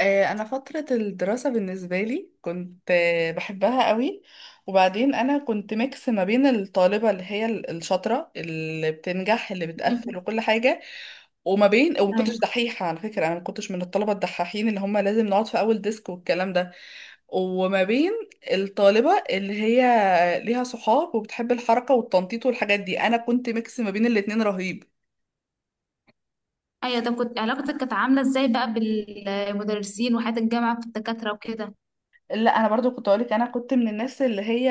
انا فتره الدراسه بالنسبه لي كنت بحبها قوي. وبعدين انا كنت ميكس ما بين الطالبه اللي هي الشاطره اللي بتنجح اللي بتقفل مم. وكل حاجه، وما ايوه، كنتش دحيحه على فكره. انا ما كنتش من الطلبه الدحاحين اللي هم لازم نقعد في اول ديسك والكلام ده. وما بين الطالبه اللي هي ليها صحاب وبتحب الحركه والتنطيط والحاجات دي، انا كنت ميكس ما بين الاتنين رهيب. ايوه، طب علاقتك كانت عامله ازاي بقى بالمدرسين وحياه الجامعه في الدكاتره وكده؟ لا انا برضو كنت اقولك انا كنت من الناس اللي هي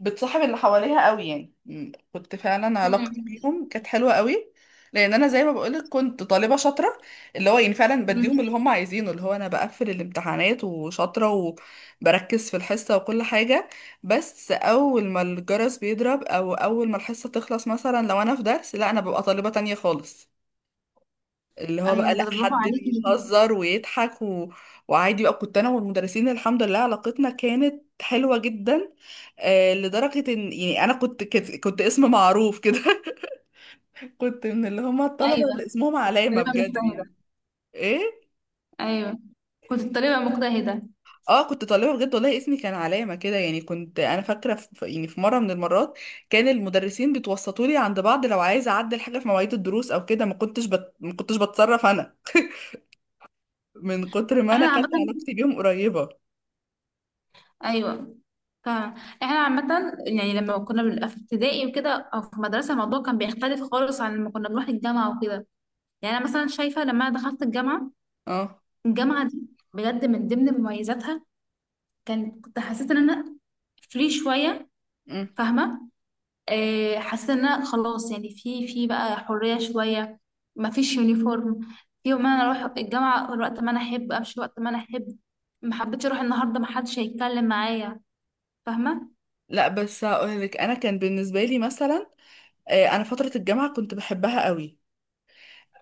بتصاحب اللي حواليها قوي، يعني كنت فعلا علاقتي مم. بيهم كانت حلوه قوي. لان انا زي ما بقولك كنت طالبه شاطره، اللي هو يعني فعلا بديهم اللي مم. هم عايزينه، اللي هو انا بقفل الامتحانات وشاطره وبركز في الحصه وكل حاجه. بس اول ما الجرس بيضرب او اول ما الحصه تخلص، مثلا لو انا في درس، لا انا ببقى طالبه تانية خالص، اللي هو ايوه، بقى لا ده برافو حد عليكي. بيهزر ويضحك وعادي بقى. كنت انا والمدرسين الحمد لله علاقتنا كانت حلوة جدا. آه، لدرجة ان يعني انا كنت اسم معروف كده كنت من اللي هم الطلبة ايوه، اللي اسمهم كنت علامة طالبه بجد مجتهده. يعني. ايه. ايوه، كنت طالبه مجتهده. اه، كنت طالبة بجد والله اسمي كان علامة كده يعني. كنت انا فاكرة يعني في مرة من المرات كان المدرسين بيتوسطوا لي عند بعض لو عايزة اعدل حاجة في مواعيد الدروس او كده. ما كنتش ما كنتش بتصرف انا، من كتر ما انا احنا كانت عامه. علاقتي بيهم قريبة. ايوه، فاهمة. احنا عامه، يعني لما كنا بنبقى في ابتدائي وكده او في مدرسه الموضوع كان بيختلف خالص عن لما كنا بنروح الجامعه وكده. يعني انا مثلا شايفه لما انا دخلت الجامعه، اه. الجامعه دي بجد من ضمن مميزاتها كنت حسيت ان انا فري شويه. مم. فاهمه؟ حسيت ان أنا خلاص، يعني في بقى حريه شويه. ما فيش يونيفورم. في يوم انا اروح الجامعه وقت ما انا احب، امشي وقت ما انا احب. ما حبيتش اروح النهارده، ما حدش هيتكلم معايا. فاهمه؟ لا بس هقول لك انا كان بالنسبه لي مثلا، انا فتره الجامعه كنت بحبها قوي.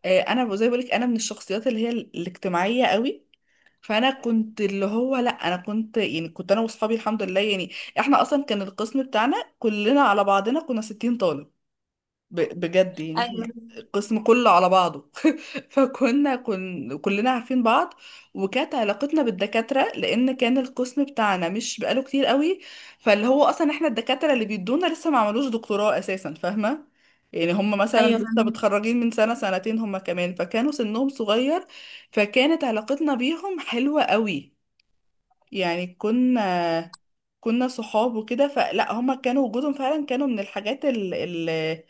انا زي ما بقول لك، انا من الشخصيات اللي هي الاجتماعيه قوي. فانا كنت اللي هو لا انا كنت يعني كنت انا واصحابي الحمد لله يعني احنا اصلا كان القسم بتاعنا كلنا على بعضنا كنا 60 طالب، بجد يعني احنا ايوه، القسم كله على بعضه فكنا كلنا عارفين بعض. وكانت علاقتنا بالدكاترة، لأن كان القسم بتاعنا مش بقاله كتير قوي، فاللي هو أصلا احنا الدكاترة اللي بيدونا لسه ما عملوش دكتوراه أساسا، فاهمة. يعني هم مثلا ايوه، لسه فاهمة. متخرجين من سنة سنتين، هم كمان فكانوا سنهم صغير. فكانت علاقتنا بيهم حلوة قوي. يعني كنا صحاب وكده، فلا هما كانوا وجودهم فعلا كانوا من الحاجات اللي,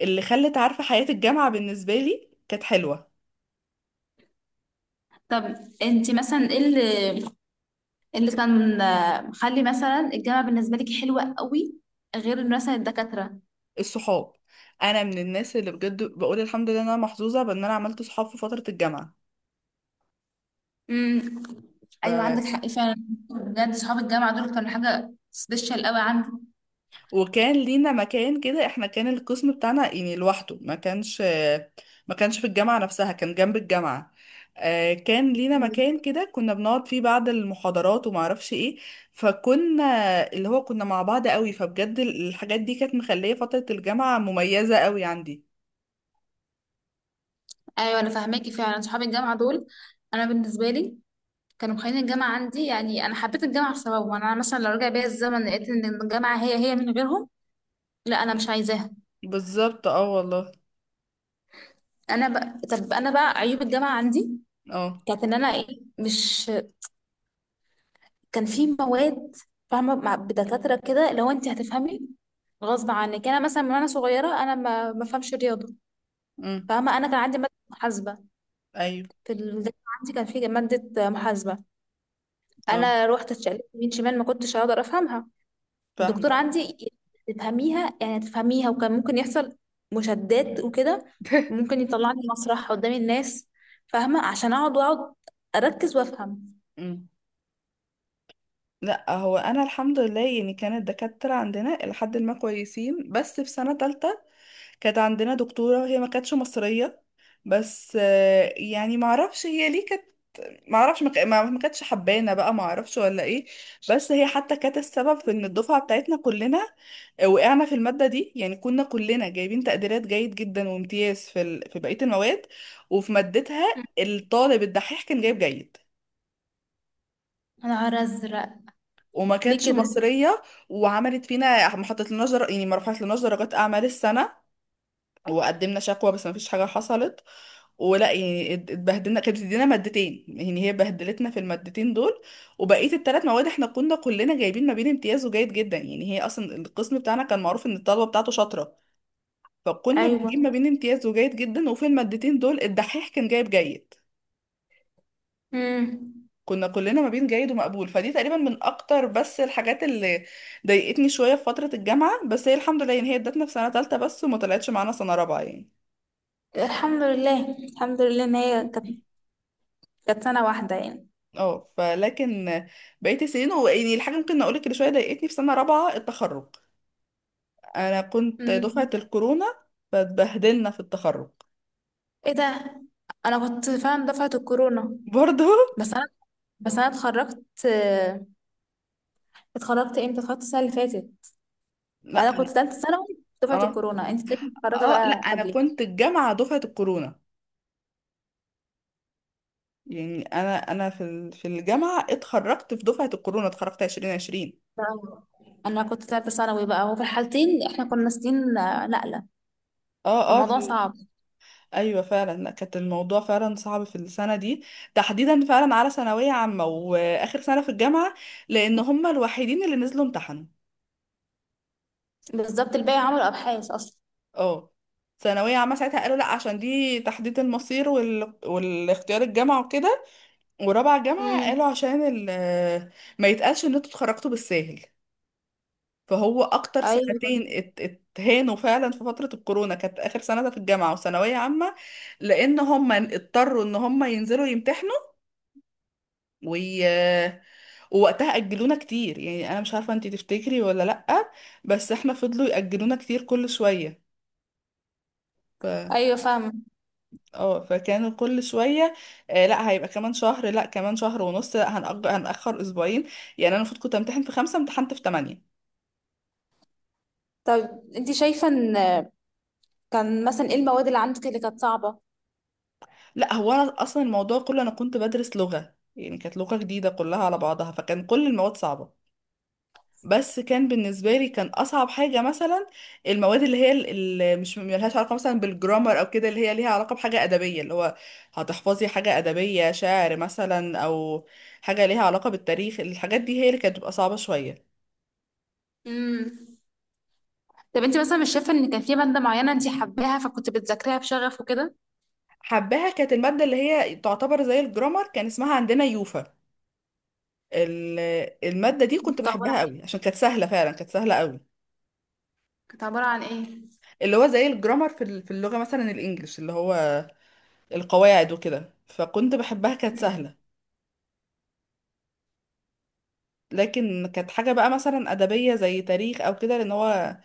اللي خلت عارفة حياة الجامعة بالنسبة لي كانت حلوة. طب انت مثلا ايه اللي إيه اللي كان مخلي مثلا الجامعه بالنسبه لك حلوه قوي غير مثلا الدكاتره؟ الصحاب، انا من الناس اللي بجد بقول الحمد لله إن انا محظوظة بان انا عملت صحاب في فترة الجامعة. امم. ايوه، عندك حق فعلا. بجد صحاب الجامعه دول كانوا حاجه سبيشال قوي عندي. وكان لينا مكان كده، احنا كان القسم بتاعنا يعني لوحده، ما كانش في الجامعة نفسها كان جنب الجامعة. كان لينا مكان كده كنا بنقعد فيه بعد المحاضرات وما اعرفش ايه. فكنا اللي هو كنا مع بعض قوي، فبجد الحاجات دي كانت مخلية فترة الجامعة مميزة قوي عندي. ايوه، انا فاهماكي فعلا. صحاب الجامعه دول انا بالنسبه لي كانوا مخلين الجامعه عندي، يعني انا حبيت الجامعه بسببهم. يعني انا مثلا لو رجع بيا الزمن لقيت ان الجامعه هي هي من غيرهم، لا انا مش عايزاها. بالظبط اه والله. انا بقى، طب، انا بقى عيوب الجامعه عندي اه. كانت ان انا ايه، مش كان في مواد فاهمه مع بدكاتره كده لو انت هتفهمي غصب عنك. يعني انا مثلا من وانا صغيره انا ما بفهمش رياضه. امم. فاهمه؟ انا كان عندي ماده محاسبه ايوه. في الجامعه. عندي كان في ماده محاسبه، اه. انا روحت اتشقلبت يمين شمال ما كنتش هقدر افهمها. الدكتور فاهمة. عندي تفهميها يعني تفهميها، وكان ممكن يحصل مشادات وكده، ممكن يطلعني مسرح قدام الناس. فاهمة؟ عشان اقعد واقعد اركز وافهم. مم. لا هو انا الحمد لله يعني كانت الدكاتره عندنا لحد ما كويسين، بس في سنه تالتة كانت عندنا دكتورة هي ما كانتش مصرية. بس يعني ما اعرفش هي ليه كانت، ما اعرفش ما كانتش حبانة بقى، ما اعرفش ولا ايه. بس هي حتى كانت السبب في ان الدفعة بتاعتنا كلنا وقعنا في المادة دي. يعني كنا كلنا جايبين تقديرات جيد جدا وامتياز في بقية المواد، وفي مادتها الطالب الدحيح كان جايب جيد. يا نهار ازرق! وما ليه كانتش كده؟ مصرية، وعملت فينا. ما حطت لناش يعني ما رفعت لناش درجات اعمال السنة. وقدمنا شكوى بس مفيش حاجة حصلت. ولا يعني اتبهدلنا. كانت بتدينا مادتين، يعني هي بهدلتنا في المادتين دول، وبقية الثلاث مواد احنا كنا كلنا جايبين ما بين امتياز وجيد جدا. يعني هي اصلا القسم بتاعنا كان معروف ان الطلبة بتاعته شاطرة، فكنا ايوه. بنجيب ما بين امتياز وجيد جدا، وفي المادتين دول الدحيح كان جايب جيد. امم. كنا كلنا ما بين جيد ومقبول. فدي تقريبا من اكتر بس الحاجات اللي ضايقتني شوية في فترة الجامعة. بس هي الحمد لله يعني هي ادتنا في سنة تالتة بس وما طلعتش معانا سنة رابعة يعني. الحمد لله، الحمد لله، ان هي كانت كانت سنة واحدة يعني. اه، فلكن بقيت السنين، هو يعني الحاجة ممكن اقولك اللي شوية ضايقتني في سنة رابعة التخرج، انا كنت دفعة مم. الكورونا، فاتبهدلنا في التخرج. ايه ده؟ انا كنت فعلا دفعة الكورونا، برضه. بس انا بس انا اتخرجت. اتخرجت امتى؟ اتخرجت السنة اللي فاتت. لا. انا كنت ثالثه ثانوي، دفعه اه. الكورونا انت تلاقيكي متخرجه اه، لا بقى انا قبلي. كنت الجامعة دفعة الكورونا. يعني انا في في الجامعة اتخرجت في دفعة الكورونا، اتخرجت 2020. آه. انا كنت ثالثه ثانوي بقى، وفي الحالتين احنا كنا سنين نقله، اه اه فالموضوع في. صعب. ايوه فعلا، لا كانت الموضوع فعلا صعب في السنه دي تحديدا، فعلا على ثانويه عامه واخر سنه في الجامعه، لان هم الوحيدين اللي نزلوا امتحنوا. بالظبط الباقي عملوا ابحاث اصلا. اه. ثانوية عامة ساعتها قالوا لا عشان دي تحديد المصير والاختيار الجامعة وكده. ورابعة جامعة قالوا امم. عشان ما يتقالش ان انتوا اتخرجتوا بالساهل. فهو اكتر ايوه، سنتين اتهانوا فعلا في فترة الكورونا، كانت اخر سنة ده في الجامعة وثانوية عامة، لان هم اضطروا ان هم ينزلوا يمتحنوا وي... ووقتها اجلونا كتير. يعني انا مش عارفة انتي تفتكري ولا لأ، بس احنا فضلوا يأجلونا كتير كل شوية. ايوه، فاهمه. اه فكانوا كل شويه، آه، لا هيبقى كمان شهر، لا كمان شهر ونص، لا هنأجر هنأخر اسبوعين. يعني انا المفروض كنت امتحن في خمسة، امتحنت في تمانية. طيب انت شايفه ان كان مثلا ايه المواد اللي عندك اللي كانت صعبه؟ لا هو انا اصلا الموضوع كله، انا كنت بدرس لغه يعني كانت لغه جديده كلها على بعضها فكان كل المواد صعبه. بس كان بالنسبه لي كان اصعب حاجه مثلا المواد اللي هي اللي مش ملهاش علاقه مثلا بالجرامر او كده، اللي هي ليها علاقه بحاجه ادبيه، اللي هو هتحفظي حاجه ادبيه شعر مثلا، او حاجه ليها علاقه بالتاريخ. الحاجات دي هي اللي كانت بتبقى صعبه شويه. امم. طب انت مثلا مش شايفه ان كان في ماده معينه انت حباها فكنت بتذاكريها بشغف وكده؟ حباها كانت المادة اللي هي تعتبر زي الجرامر، كان اسمها عندنا يوفا. ال- المادة دي كنت كنت عباره بحبها عن قوي، ايه عشان كانت سهلة فعلا، كانت سهلة قوي. كانت عبارة عن ايه؟ اللي هو زي الجرامر في في اللغة مثلا الإنجليش، اللي هو القواعد وكده، فكنت بحبها كانت سهلة. لكن كانت حاجة بقى مثلا أدبية زي تاريخ أو كده، لأن هو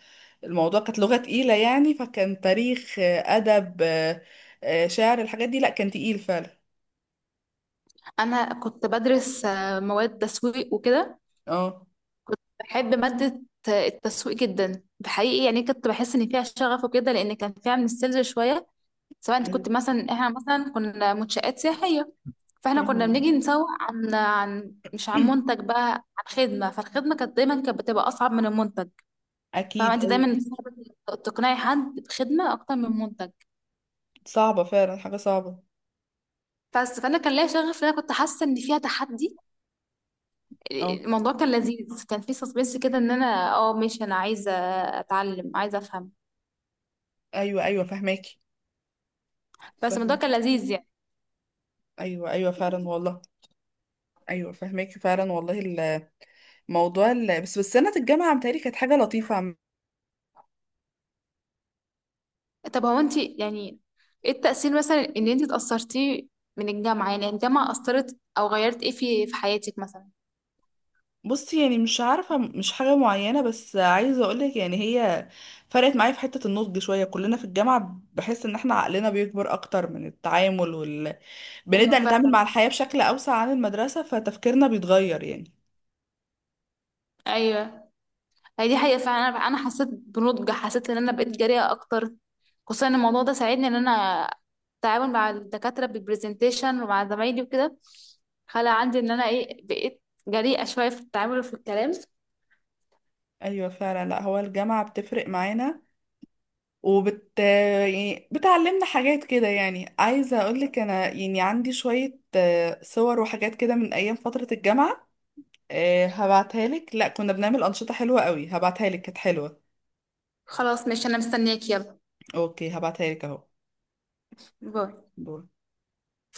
الموضوع كانت لغة تقيلة يعني، فكان تاريخ، أدب، شعر، الحاجات دي لأ، كان تقيل فعلا. انا كنت بدرس مواد تسويق وكده. اه. بحب مادة التسويق جدا بحقيقي، يعني كنت بحس ان فيها شغف وكده لان كان فيها من السيلز شوية. سواء انت أيوة. كنت مثلا، احنا مثلا كنا منشآت سياحية، فاحنا كنا فاهمة. بنيجي نسوق عن مش عن منتج بقى، عن خدمة. فالخدمة كانت دايما كانت بتبقى أصعب من المنتج. فاهمة؟ أكيد انت أيوة. دايما صعب تقنعي حد بخدمة أكتر من منتج. صعبة فعلا، حاجة صعبة. بس فأنا كان ليا شغف، لأن أنا كنت حاسة إن فيها تحدي. اه الموضوع كان لذيذ، كان فيه سسبنس كده، إن أنا اه ماشي، أنا عايزة أتعلم، عايزة أفهم. ايوه ايوه فهماكي. بس الموضوع فاهمة. كان لذيذ يعني. ايوه ايوه فعلا والله. ايوه فهماكي فعلا والله. الموضوع بس سنه الجامعه متهيألي كانت حاجه لطيفه طب هو انت يعني ايه التأثير مثلا اللي انت اتأثرتيه من الجامعة؟ يعني الجامعة أثرت أو غيرت ايه في حياتك مثلا؟ بصي يعني مش عارفه مش حاجه معينه، بس عايزه اقولك يعني هي فرقت معايا في حته النضج شويه. كلنا في الجامعه بحس ان احنا عقلنا بيكبر اكتر من التعامل، بنبدا أيوة، نتعامل مع فعلا. الحياه بشكل اوسع عن المدرسه، فتفكيرنا بيتغير يعني. أيوه. هي دي حقيقة فعلا. أنا حسيت بنضج، حسيت إن أنا بقيت جريئة أكتر. خصوصا إن الموضوع ده ساعدني إن أنا التعامل مع الدكاترة بالبرزنتيشن ومع زمايلي وكده خلى عندي إن أنا ايه، بقيت جريئة شوية في التعامل وفي الكلام. ايوه فعلا، لا هو الجامعه بتفرق معانا يعني بتعلمنا حاجات كده. يعني عايزة أقولك أنا يعني عندي شوية صور وحاجات كده من أيام فترة الجامعة. هبعتها لك، لا كنا بنعمل أنشطة حلوة قوي، هبعتها لك كانت حلوة. خلاص، ماشي، أنا مستنياك. يلا، أوكي هبعتها لك. باي. أهو.